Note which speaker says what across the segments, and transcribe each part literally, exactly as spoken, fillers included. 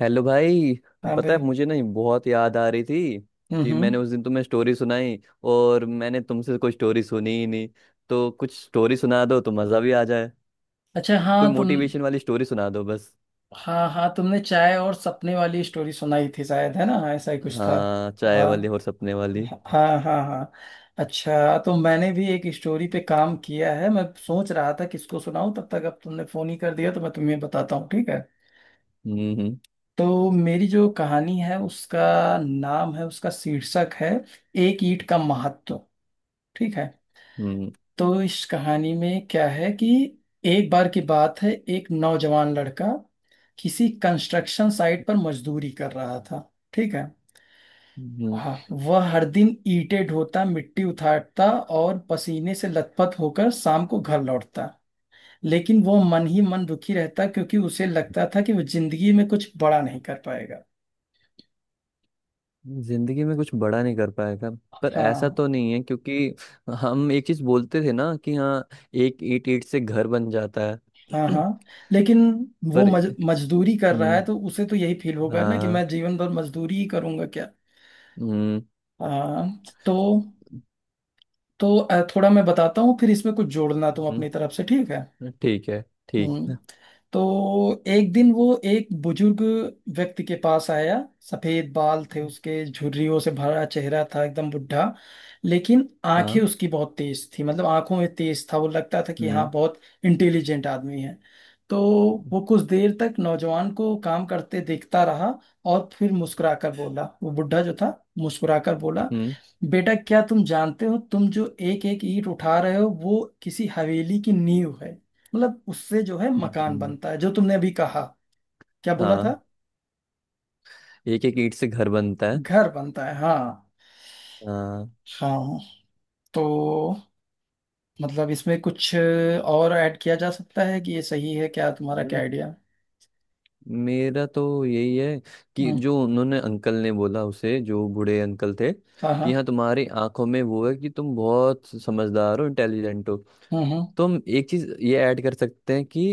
Speaker 1: Hello भाई।
Speaker 2: हाँ
Speaker 1: पता है
Speaker 2: भाई।
Speaker 1: मुझे ना ये बहुत याद आ रही थी कि
Speaker 2: हम्म।
Speaker 1: मैंने उस दिन तुम्हें स्टोरी सुनाई और मैंने तुमसे कोई स्टोरी सुनी ही नहीं, तो कुछ स्टोरी सुना दो तो मज़ा भी आ जाए।
Speaker 2: अच्छा,
Speaker 1: कोई
Speaker 2: हाँ, तुम।
Speaker 1: मोटिवेशन वाली स्टोरी सुना दो बस।
Speaker 2: हाँ, हाँ, तुमने चाय और सपने वाली स्टोरी सुनाई थी शायद, है ना? ऐसा ही कुछ था।
Speaker 1: हाँ, चाय वाली
Speaker 2: हाँ,
Speaker 1: और सपने वाली।
Speaker 2: हाँ, हाँ, हाँ। अच्छा, तो मैंने भी एक स्टोरी पे काम किया है। मैं सोच रहा था किसको सुनाऊं, तब तक अब तुमने फोन ही कर दिया, तो मैं तुम्हें बताता हूँ। ठीक है।
Speaker 1: हम्म हम्म।
Speaker 2: तो मेरी जो कहानी है उसका नाम है, उसका शीर्षक है, एक ईंट का महत्व। ठीक है।
Speaker 1: हम्म।
Speaker 2: तो इस कहानी में क्या है कि एक बार की बात है, एक नौजवान लड़का किसी कंस्ट्रक्शन साइट पर मजदूरी कर रहा था। ठीक है।
Speaker 1: हम्म।
Speaker 2: हाँ, वह हर दिन ईंटें ढोता, मिट्टी उठाता, और पसीने से लथपथ होकर शाम को घर लौटता। लेकिन वो मन ही मन दुखी रहता, क्योंकि उसे लगता था कि वो जिंदगी में कुछ बड़ा नहीं कर पाएगा।
Speaker 1: जिंदगी में कुछ बड़ा नहीं कर पाएगा? पर ऐसा
Speaker 2: हाँ,
Speaker 1: तो नहीं है क्योंकि हम एक चीज़ बोलते थे ना कि हाँ, एक ईंट ईंट से घर बन जाता
Speaker 2: हाँ,
Speaker 1: है।
Speaker 2: हाँ। लेकिन वो
Speaker 1: पर
Speaker 2: मज, मजदूरी कर रहा
Speaker 1: हम्म,
Speaker 2: है, तो उसे तो यही फील होगा ना कि
Speaker 1: हाँ।
Speaker 2: मैं जीवन भर मजदूरी ही करूंगा क्या।
Speaker 1: हम्म
Speaker 2: हाँ। तो तो अ, थोड़ा मैं बताता हूँ, फिर इसमें कुछ जोड़ना तुम
Speaker 1: हम्म।
Speaker 2: अपनी तरफ से। ठीक है।
Speaker 1: ठीक है। ठीक
Speaker 2: हम्म।
Speaker 1: है।
Speaker 2: तो एक दिन वो एक बुजुर्ग व्यक्ति के पास आया। सफेद बाल थे उसके, झुर्रियों से भरा चेहरा था, एकदम बुढ़ा। लेकिन आंखें
Speaker 1: हाँ।
Speaker 2: उसकी बहुत तेज थी, मतलब आंखों में तेज था, वो लगता था कि
Speaker 1: हम्म
Speaker 2: हाँ, बहुत इंटेलिजेंट आदमी है। तो वो कुछ देर तक नौजवान को काम करते देखता रहा, और फिर मुस्कुराकर बोला, वो बुढ़ा जो था, मुस्कुराकर बोला,
Speaker 1: हम्म
Speaker 2: बेटा क्या तुम जानते हो, तुम जो एक एक ईंट उठा रहे हो वो किसी हवेली की नींव है। मतलब उससे जो है मकान
Speaker 1: हम्म।
Speaker 2: बनता है, जो तुमने अभी कहा। क्या बोला था?
Speaker 1: हाँ, एक एक ईंट से घर बनता है।
Speaker 2: घर बनता है, हाँ।
Speaker 1: हाँ।
Speaker 2: हाँ। तो मतलब इसमें कुछ और ऐड किया जा सकता है कि ये सही है क्या? तुम्हारा क्या
Speaker 1: म-
Speaker 2: आइडिया?
Speaker 1: मेरा तो यही है कि
Speaker 2: हम्म।
Speaker 1: जो उन्होंने, अंकल ने बोला, उसे, जो बूढ़े अंकल थे,
Speaker 2: हाँ, हाँ।
Speaker 1: कि हाँ तुम्हारी आंखों में वो है कि तुम बहुत समझदार हो, इंटेलिजेंट हो।
Speaker 2: हम्म, हम्म।
Speaker 1: तो हम एक चीज ये ऐड कर सकते हैं कि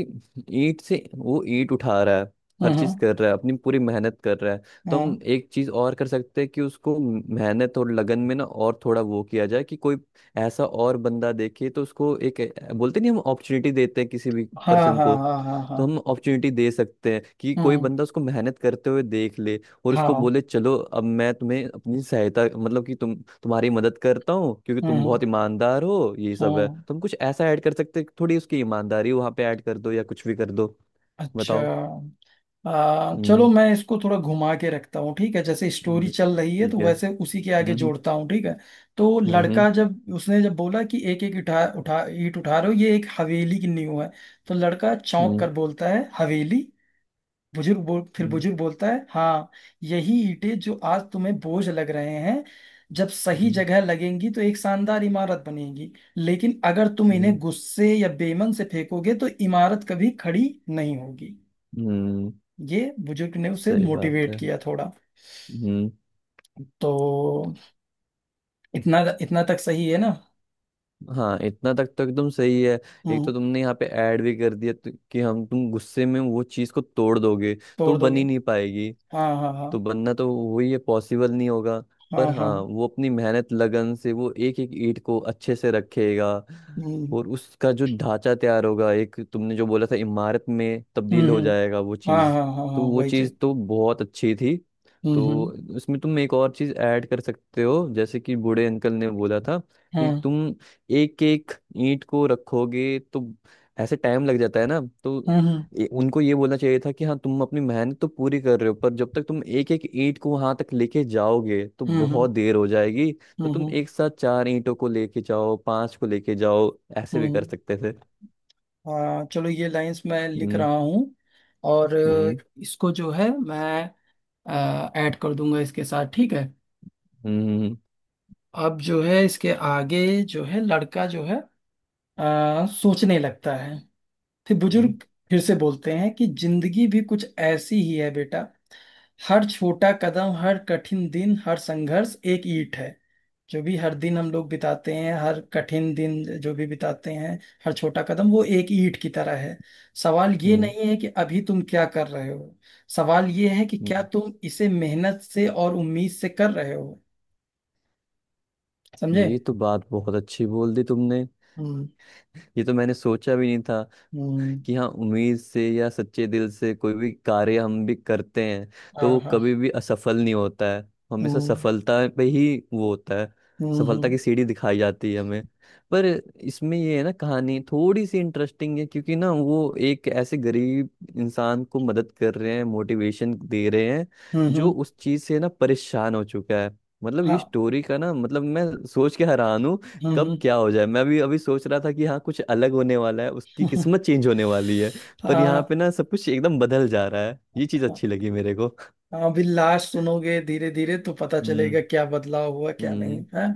Speaker 1: ईंट से वो ईंट उठा रहा है,
Speaker 2: हम्म,
Speaker 1: हर चीज
Speaker 2: हम्म।
Speaker 1: कर रहा है, अपनी पूरी मेहनत कर रहा है। तो
Speaker 2: हम्म।
Speaker 1: हम एक चीज और कर सकते हैं कि उसको मेहनत और लगन में ना और थोड़ा वो किया जाए कि कोई ऐसा और बंदा देखे तो उसको एक, अ, बोलते नहीं हम, अपॉर्चुनिटी देते हैं किसी भी
Speaker 2: हाँ,
Speaker 1: पर्सन
Speaker 2: हाँ,
Speaker 1: को।
Speaker 2: हाँ, हाँ, हाँ।
Speaker 1: तो हम अपॉर्चुनिटी दे सकते हैं कि कोई
Speaker 2: हम्म।
Speaker 1: बंदा उसको मेहनत करते हुए देख ले और उसको
Speaker 2: हाँ।
Speaker 1: बोले चलो अब मैं तुम्हें अपनी सहायता, मतलब कि तुम, तुम्हारी मदद करता हूँ क्योंकि
Speaker 2: हम्म,
Speaker 1: तुम
Speaker 2: हम्म।
Speaker 1: बहुत ईमानदार हो, ये सब है।
Speaker 2: हम्म।
Speaker 1: तुम कुछ ऐसा ऐड कर सकते, थोड़ी उसकी ईमानदारी वहां पे ऐड कर दो या कुछ भी कर दो।
Speaker 2: अच्छा।
Speaker 1: बताओ।
Speaker 2: आ, चलो,
Speaker 1: हम्म
Speaker 2: मैं इसको थोड़ा घुमा के रखता हूँ, ठीक है? जैसे स्टोरी
Speaker 1: हम्म,
Speaker 2: चल रही है तो
Speaker 1: ठीक है।
Speaker 2: वैसे उसी के आगे
Speaker 1: हम्म
Speaker 2: जोड़ता हूँ। ठीक है। तो
Speaker 1: हम्म हम्म
Speaker 2: लड़का, जब उसने जब बोला कि एक एक उठा उठा ईंट उठा रहे हो ये एक हवेली की नींव है, तो लड़का चौंक
Speaker 1: हम्म
Speaker 2: कर बोलता है, हवेली? बुजुर्ग बोल फिर
Speaker 1: हम्म
Speaker 2: बुजुर्ग बोलता है, हाँ, यही ईंटें जो आज तुम्हें बोझ लग रहे हैं, जब सही
Speaker 1: हम्म,
Speaker 2: जगह लगेंगी तो एक शानदार इमारत बनेगी। लेकिन अगर तुम इन्हें
Speaker 1: हम्म,
Speaker 2: गुस्से या बेमन से फेंकोगे तो इमारत कभी खड़ी नहीं होगी।
Speaker 1: हम्म,
Speaker 2: ये बुजुर्ग ने उसे
Speaker 1: सही बात
Speaker 2: मोटिवेट
Speaker 1: है।
Speaker 2: किया थोड़ा।
Speaker 1: हम्म।
Speaker 2: तो इतना इतना तक सही है ना?
Speaker 1: हाँ, इतना तक तो एकदम सही है। एक
Speaker 2: हम्म।
Speaker 1: तो तुमने यहाँ पे ऐड भी कर दिया तो- कि हम, तुम गुस्से में वो चीज को तोड़ दोगे तो
Speaker 2: तोड़
Speaker 1: बन
Speaker 2: दोगे।
Speaker 1: ही नहीं पाएगी।
Speaker 2: हाँ, हाँ,
Speaker 1: तो
Speaker 2: हाँ,
Speaker 1: बनना तो वही है, पॉसिबल नहीं होगा। पर
Speaker 2: हाँ, हाँ।
Speaker 1: हाँ, वो अपनी मेहनत लगन से वो एक एक ईंट को अच्छे से रखेगा
Speaker 2: हम्म,
Speaker 1: और उसका जो ढांचा तैयार होगा, एक तुमने जो बोला था, इमारत में
Speaker 2: हम्म,
Speaker 1: तब्दील हो
Speaker 2: हम्म।
Speaker 1: जाएगा वो
Speaker 2: हाँ,
Speaker 1: चीज़।
Speaker 2: हाँ, हाँ, हाँ,
Speaker 1: तो वो
Speaker 2: वही चीज।
Speaker 1: चीज़ तो बहुत अच्छी थी।
Speaker 2: हम्म,
Speaker 1: तो
Speaker 2: हम्म।
Speaker 1: उसमें तुम एक और चीज़ ऐड कर सकते हो जैसे कि बूढ़े अंकल ने बोला था कि
Speaker 2: हम्म,
Speaker 1: तुम एक एक ईंट को रखोगे तो ऐसे टाइम लग जाता है ना। तो
Speaker 2: हम्म।
Speaker 1: ये- उनको ये बोलना चाहिए था कि हाँ, तुम अपनी मेहनत तो पूरी कर रहे हो पर जब तक तुम एक एक ईंट को वहां तक लेके जाओगे तो
Speaker 2: हम्म, हम्म।
Speaker 1: बहुत देर हो जाएगी। तो
Speaker 2: हम्म,
Speaker 1: तुम
Speaker 2: हम्म।
Speaker 1: एक साथ चार ईंटों को लेके जाओ, पांच को लेके जाओ, ऐसे भी कर
Speaker 2: हम्म।
Speaker 1: सकते थे।
Speaker 2: हाँ चलो, ये लाइंस मैं लिख
Speaker 1: हम्म।
Speaker 2: रहा हूँ। और अ,
Speaker 1: हम्म।
Speaker 2: इसको जो है मैं ऐड कर दूंगा इसके साथ। ठीक है।
Speaker 1: हम्म
Speaker 2: अब जो है इसके आगे जो है लड़का जो है अ, सोचने लगता है। फिर
Speaker 1: हम्म
Speaker 2: बुजुर्ग फिर से बोलते हैं कि जिंदगी भी कुछ ऐसी ही है, बेटा। हर छोटा कदम, हर कठिन दिन, हर संघर्ष एक ईंट है। जो भी हर दिन हम लोग बिताते हैं, हर कठिन दिन जो भी बिताते हैं, हर छोटा कदम वो एक ईंट की तरह है। सवाल
Speaker 1: हम्म
Speaker 2: ये
Speaker 1: हम्म।
Speaker 2: नहीं है कि अभी तुम क्या कर रहे हो। सवाल ये है कि क्या
Speaker 1: हम्म।
Speaker 2: तुम इसे मेहनत से और उम्मीद से कर रहे हो। समझे?
Speaker 1: ये तो बात बहुत अच्छी बोल दी तुमने।
Speaker 2: हम्म,
Speaker 1: ये तो मैंने सोचा भी नहीं था
Speaker 2: हम्म।
Speaker 1: कि हाँ, उम्मीद से या सच्चे दिल से कोई भी कार्य हम भी करते हैं तो
Speaker 2: हाँ,
Speaker 1: वो
Speaker 2: हाँ।
Speaker 1: कभी भी असफल नहीं होता है। हमेशा
Speaker 2: हम्म,
Speaker 1: सफलता पे ही वो होता है। सफलता
Speaker 2: हम्म,
Speaker 1: की सीढ़ी दिखाई जाती है हमें। पर इसमें ये है ना, कहानी थोड़ी सी इंटरेस्टिंग है क्योंकि ना वो एक ऐसे गरीब इंसान को मदद कर रहे हैं, मोटिवेशन दे रहे हैं,
Speaker 2: हम्म,
Speaker 1: जो
Speaker 2: हम्म,
Speaker 1: उस चीज से ना परेशान हो चुका है। मतलब ये
Speaker 2: हाँ।
Speaker 1: स्टोरी का, ना मतलब, मैं सोच के हैरान हूँ
Speaker 2: हम्म,
Speaker 1: कब
Speaker 2: हम्म।
Speaker 1: क्या हो जाए। मैं भी अभी सोच रहा था कि हाँ कुछ अलग होने वाला है, उसकी किस्मत चेंज होने वाली है। पर यहाँ
Speaker 2: हाँ,
Speaker 1: पे ना सब कुछ एकदम बदल जा रहा है, ये चीज
Speaker 2: हाँ,
Speaker 1: अच्छी लगी मेरे को।
Speaker 2: अभी लास्ट सुनोगे धीरे धीरे तो पता
Speaker 1: हम्म।
Speaker 2: चलेगा क्या बदलाव हुआ, क्या
Speaker 1: हम्म।
Speaker 2: नहीं है।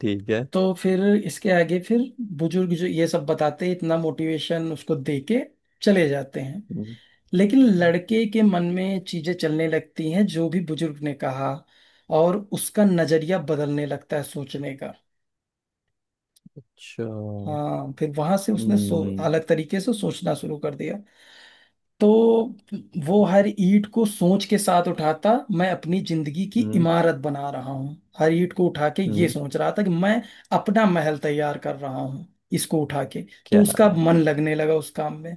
Speaker 1: ठीक है।
Speaker 2: तो फिर इसके आगे, फिर बुजुर्ग जो ये सब बताते हैं, इतना मोटिवेशन उसको दे के चले जाते हैं।
Speaker 1: हम्म,
Speaker 2: लेकिन लड़के के मन में चीजें चलने लगती हैं जो भी बुजुर्ग ने कहा, और उसका नजरिया बदलने लगता है सोचने का।
Speaker 1: अच्छा।
Speaker 2: हाँ, फिर वहां से उसने सो
Speaker 1: हम्म
Speaker 2: अलग तरीके से सोचना शुरू कर दिया। तो वो हर ईंट को सोच के साथ उठाता, मैं अपनी जिंदगी की
Speaker 1: हम्म
Speaker 2: इमारत बना रहा हूँ, हर ईंट को उठा के ये
Speaker 1: हम्म,
Speaker 2: सोच रहा था कि मैं अपना महल तैयार कर रहा हूँ, इसको उठा के। तो
Speaker 1: क्या?
Speaker 2: उसका मन लगने लगा उस काम में।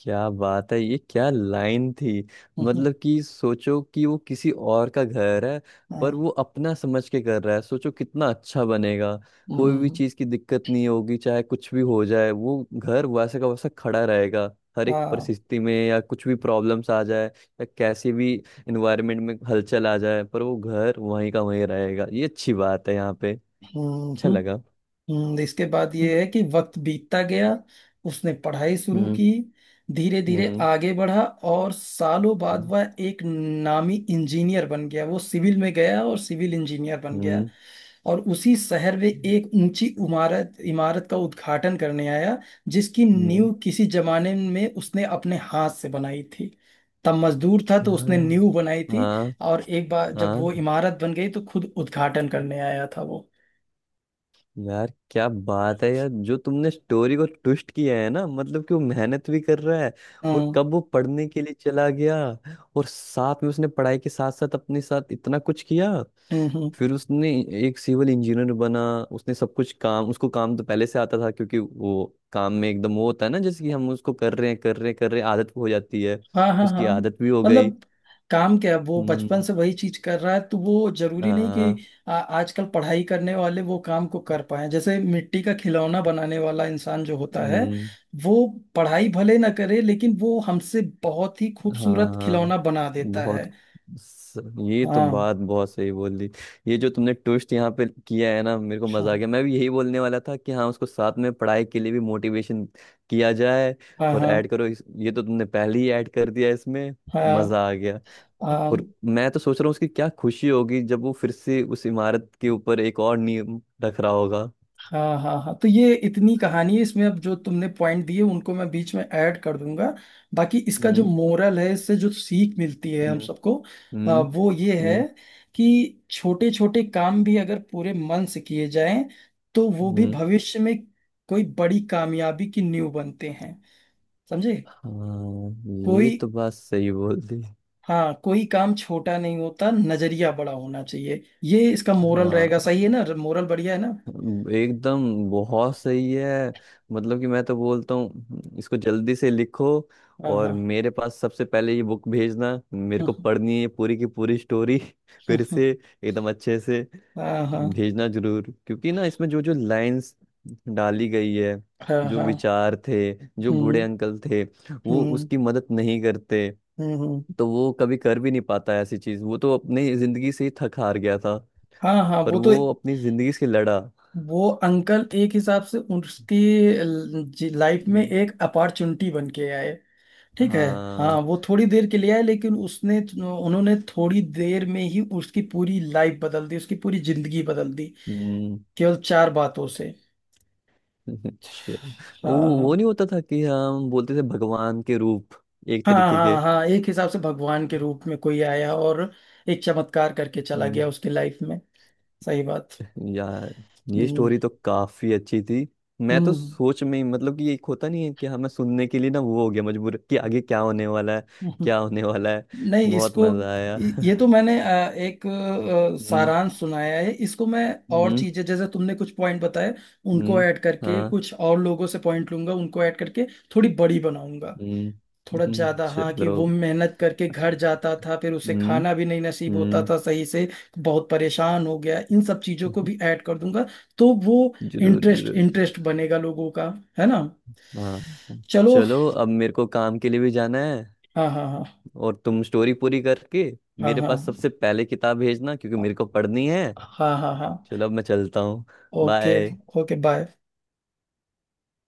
Speaker 1: क्या बात है, ये क्या लाइन थी!
Speaker 2: हम्म,
Speaker 1: मतलब कि सोचो कि वो किसी और का घर है
Speaker 2: हाँ।
Speaker 1: पर वो अपना समझ के कर रहा है, सोचो कितना अच्छा बनेगा। कोई भी
Speaker 2: हम्म,
Speaker 1: चीज की दिक्कत नहीं होगी, चाहे कुछ भी हो जाए वो घर वैसे का वैसा खड़ा रहेगा। हर एक
Speaker 2: हाँ।
Speaker 1: परिस्थिति में या कुछ भी प्रॉब्लम्स आ जाए या कैसी भी इन्वायरमेंट में हलचल आ जाए पर वो घर वहीं का वहीं रहेगा। ये अच्छी बात है यहाँ पे,
Speaker 2: हम्म,
Speaker 1: अच्छा लगा।
Speaker 2: हम्म। इसके बाद
Speaker 1: हम्म
Speaker 2: ये है कि वक्त बीतता गया, उसने पढ़ाई शुरू की, धीरे धीरे
Speaker 1: हम्म।
Speaker 2: आगे बढ़ा। और सालों बाद
Speaker 1: हम्म
Speaker 2: वह एक नामी इंजीनियर बन गया, वो सिविल में गया और सिविल इंजीनियर बन गया।
Speaker 1: हम्म
Speaker 2: और उसी शहर में एक ऊंची इमारत इमारत का उद्घाटन करने आया, जिसकी
Speaker 1: हम्म,
Speaker 2: नींव किसी जमाने में उसने अपने हाथ से बनाई थी। तब मजदूर था तो उसने
Speaker 1: क्या?
Speaker 2: नींव बनाई थी।
Speaker 1: हाँ।
Speaker 2: और एक बार जब वो
Speaker 1: हाँ,
Speaker 2: इमारत बन गई तो खुद उद्घाटन करने आया था वो।
Speaker 1: यार क्या बात है यार! जो तुमने स्टोरी को ट्विस्ट किया है ना, मतलब कि वो मेहनत भी कर रहा है और
Speaker 2: हम्म,
Speaker 1: कब वो पढ़ने के लिए चला गया और साथ में उसने पढ़ाई के साथ साथ अपने साथ इतना कुछ किया।
Speaker 2: हम्म। हम्म।
Speaker 1: फिर उसने एक सिविल इंजीनियर बना, उसने सब कुछ काम, उसको काम तो पहले से आता था क्योंकि वो काम में एकदम वो होता है ना जैसे कि हम उसको कर रहे हैं कर रहे हैं कर रहे हैं, आदत हो जाती है।
Speaker 2: हाँ, हाँ,
Speaker 1: उसकी
Speaker 2: हाँ।
Speaker 1: आदत भी हो गई।
Speaker 2: मतलब काम क्या है, वो बचपन
Speaker 1: हम्म,
Speaker 2: से वही चीज कर रहा है, तो वो जरूरी नहीं
Speaker 1: हाँ,
Speaker 2: कि आ, आजकल पढ़ाई करने वाले वो काम को कर पाए। जैसे मिट्टी का खिलौना बनाने वाला इंसान जो होता है,
Speaker 1: हम्म।
Speaker 2: वो पढ़ाई भले ना करे, लेकिन वो हमसे बहुत ही खूबसूरत
Speaker 1: हाँ,
Speaker 2: खिलौना बना देता
Speaker 1: बहुत।
Speaker 2: है।
Speaker 1: स- ये तो
Speaker 2: हाँ,
Speaker 1: बात बहुत सही बोल दी। ये जो तुमने ट्विस्ट यहाँ पे किया है ना, मेरे को
Speaker 2: हाँ,
Speaker 1: मजा आ गया। मैं भी यही बोलने वाला था कि हाँ, उसको साथ में पढ़ाई के लिए भी मोटिवेशन किया जाए
Speaker 2: हाँ,
Speaker 1: और
Speaker 2: हाँ,
Speaker 1: ऐड करो इस, ये तो तुमने पहले ही ऐड कर दिया इसमें।
Speaker 2: हाँ,
Speaker 1: मजा आ गया।
Speaker 2: हाँ,
Speaker 1: और मैं तो सोच रहा हूँ उसकी क्या खुशी होगी जब वो फिर से उस इमारत के ऊपर एक और नियम रख रहा होगा।
Speaker 2: हाँ, हाँ, हाँ, तो ये इतनी कहानी है। इसमें अब जो तुमने पॉइंट दिए उनको मैं बीच में ऐड कर दूंगा। बाकी इसका जो
Speaker 1: हम्म
Speaker 2: मोरल है, इससे जो सीख मिलती है हम
Speaker 1: हम्म
Speaker 2: सबको, अ,
Speaker 1: हम्म
Speaker 2: वो ये है
Speaker 1: हम्म।
Speaker 2: कि छोटे छोटे काम भी अगर पूरे मन से किए जाएं तो वो भी
Speaker 1: हम्म।
Speaker 2: भविष्य में कोई बड़ी कामयाबी की नींव बनते हैं। समझे?
Speaker 1: हाँ,
Speaker 2: कोई
Speaker 1: ये तो बात सही बोल दी।
Speaker 2: हाँ कोई काम छोटा नहीं होता, नजरिया बड़ा होना चाहिए। ये इसका मोरल रहेगा।
Speaker 1: हाँ,
Speaker 2: सही है ना? मोरल बढ़िया है ना?
Speaker 1: एकदम बहुत सही है। मतलब कि मैं तो बोलता हूँ इसको जल्दी से लिखो
Speaker 2: हाँ, हाँ।
Speaker 1: और मेरे पास सबसे पहले ये बुक भेजना, मेरे को
Speaker 2: हाँ,
Speaker 1: पढ़नी है पूरी की पूरी स्टोरी फिर से एकदम अच्छे से।
Speaker 2: हाँ, हाँ, हाँ, हाँ।
Speaker 1: तो भेजना जरूर क्योंकि ना इसमें जो जो लाइंस डाली गई है,
Speaker 2: हाँ,
Speaker 1: जो
Speaker 2: हाँ।
Speaker 1: विचार थे, जो बूढ़े
Speaker 2: हम्म,
Speaker 1: अंकल थे, वो
Speaker 2: हम्म।
Speaker 1: उसकी मदद नहीं करते
Speaker 2: हम्म, हम्म।
Speaker 1: तो वो कभी कर भी नहीं पाता ऐसी चीज। वो तो अपनी जिंदगी से ही थक हार गया था,
Speaker 2: हाँ, हाँ,
Speaker 1: पर
Speaker 2: वो तो
Speaker 1: वो अपनी जिंदगी से लड़ा।
Speaker 2: वो अंकल एक हिसाब से उसकी लाइफ में
Speaker 1: हम्म।
Speaker 2: एक अपॉर्चुनिटी बन के आए। ठीक है। हाँ,
Speaker 1: हाँ।
Speaker 2: वो थोड़ी देर के लिए आए, लेकिन उसने उन्होंने थोड़ी देर में ही उसकी पूरी लाइफ बदल दी, उसकी पूरी जिंदगी बदल दी,
Speaker 1: हम्म,
Speaker 2: केवल चार बातों से।
Speaker 1: अच्छा। वो
Speaker 2: हाँ, हाँ,
Speaker 1: वो नहीं होता था कि हम बोलते थे भगवान के रूप, एक
Speaker 2: हाँ,
Speaker 1: तरीके के।
Speaker 2: हाँ, हाँ, एक हिसाब से भगवान के रूप में कोई आया और एक चमत्कार करके चला
Speaker 1: हम्म।
Speaker 2: गया उसकी लाइफ में। सही बात।
Speaker 1: यार, ये
Speaker 2: हम्म,
Speaker 1: स्टोरी तो काफी अच्छी थी। मैं तो
Speaker 2: हम्म,
Speaker 1: सोच में ही, मतलब कि एक होता नहीं है कि हमें सुनने के लिए ना वो हो गया मजबूर कि आगे क्या होने वाला है,
Speaker 2: हम्म।
Speaker 1: क्या होने वाला है।
Speaker 2: नहीं,
Speaker 1: बहुत
Speaker 2: इसको
Speaker 1: मजा आया
Speaker 2: इ- ये तो मैंने अ, एक अ,
Speaker 1: हम्म
Speaker 2: सारांश सुनाया है। इसको मैं और
Speaker 1: हम्म
Speaker 2: चीजें, जैसे तुमने कुछ पॉइंट बताए उनको
Speaker 1: हम्म,
Speaker 2: ऐड करके,
Speaker 1: हाँ।
Speaker 2: कुछ और लोगों से पॉइंट लूंगा उनको ऐड करके, थोड़ी बड़ी बनाऊंगा।
Speaker 1: हम्म
Speaker 2: थोड़ा
Speaker 1: हम्म,
Speaker 2: ज्यादा। हाँ, कि
Speaker 1: चलो।
Speaker 2: वो मेहनत करके घर जाता था, फिर उसे
Speaker 1: हम्म।
Speaker 2: खाना भी नहीं नसीब होता
Speaker 1: हम्म।
Speaker 2: था सही से, बहुत परेशान हो गया, इन सब चीजों को भी ऐड कर दूंगा। तो वो
Speaker 1: जरूर
Speaker 2: इंटरेस्ट
Speaker 1: जरूर।
Speaker 2: इंटरेस्ट बनेगा लोगों का, है ना?
Speaker 1: हाँ। हाँ।
Speaker 2: चलो।
Speaker 1: चलो अब मेरे को काम के लिए भी जाना है
Speaker 2: हाँ, हाँ, हाँ।
Speaker 1: और तुम स्टोरी पूरी करके
Speaker 2: हाँ,
Speaker 1: मेरे
Speaker 2: हाँ,
Speaker 1: पास सबसे पहले किताब भेजना क्योंकि मेरे को पढ़नी है।
Speaker 2: हाँ, हाँ, हाँ, हाँ।
Speaker 1: चलो अब मैं चलता हूँ।
Speaker 2: ओके।
Speaker 1: बाय।
Speaker 2: Okay, bye.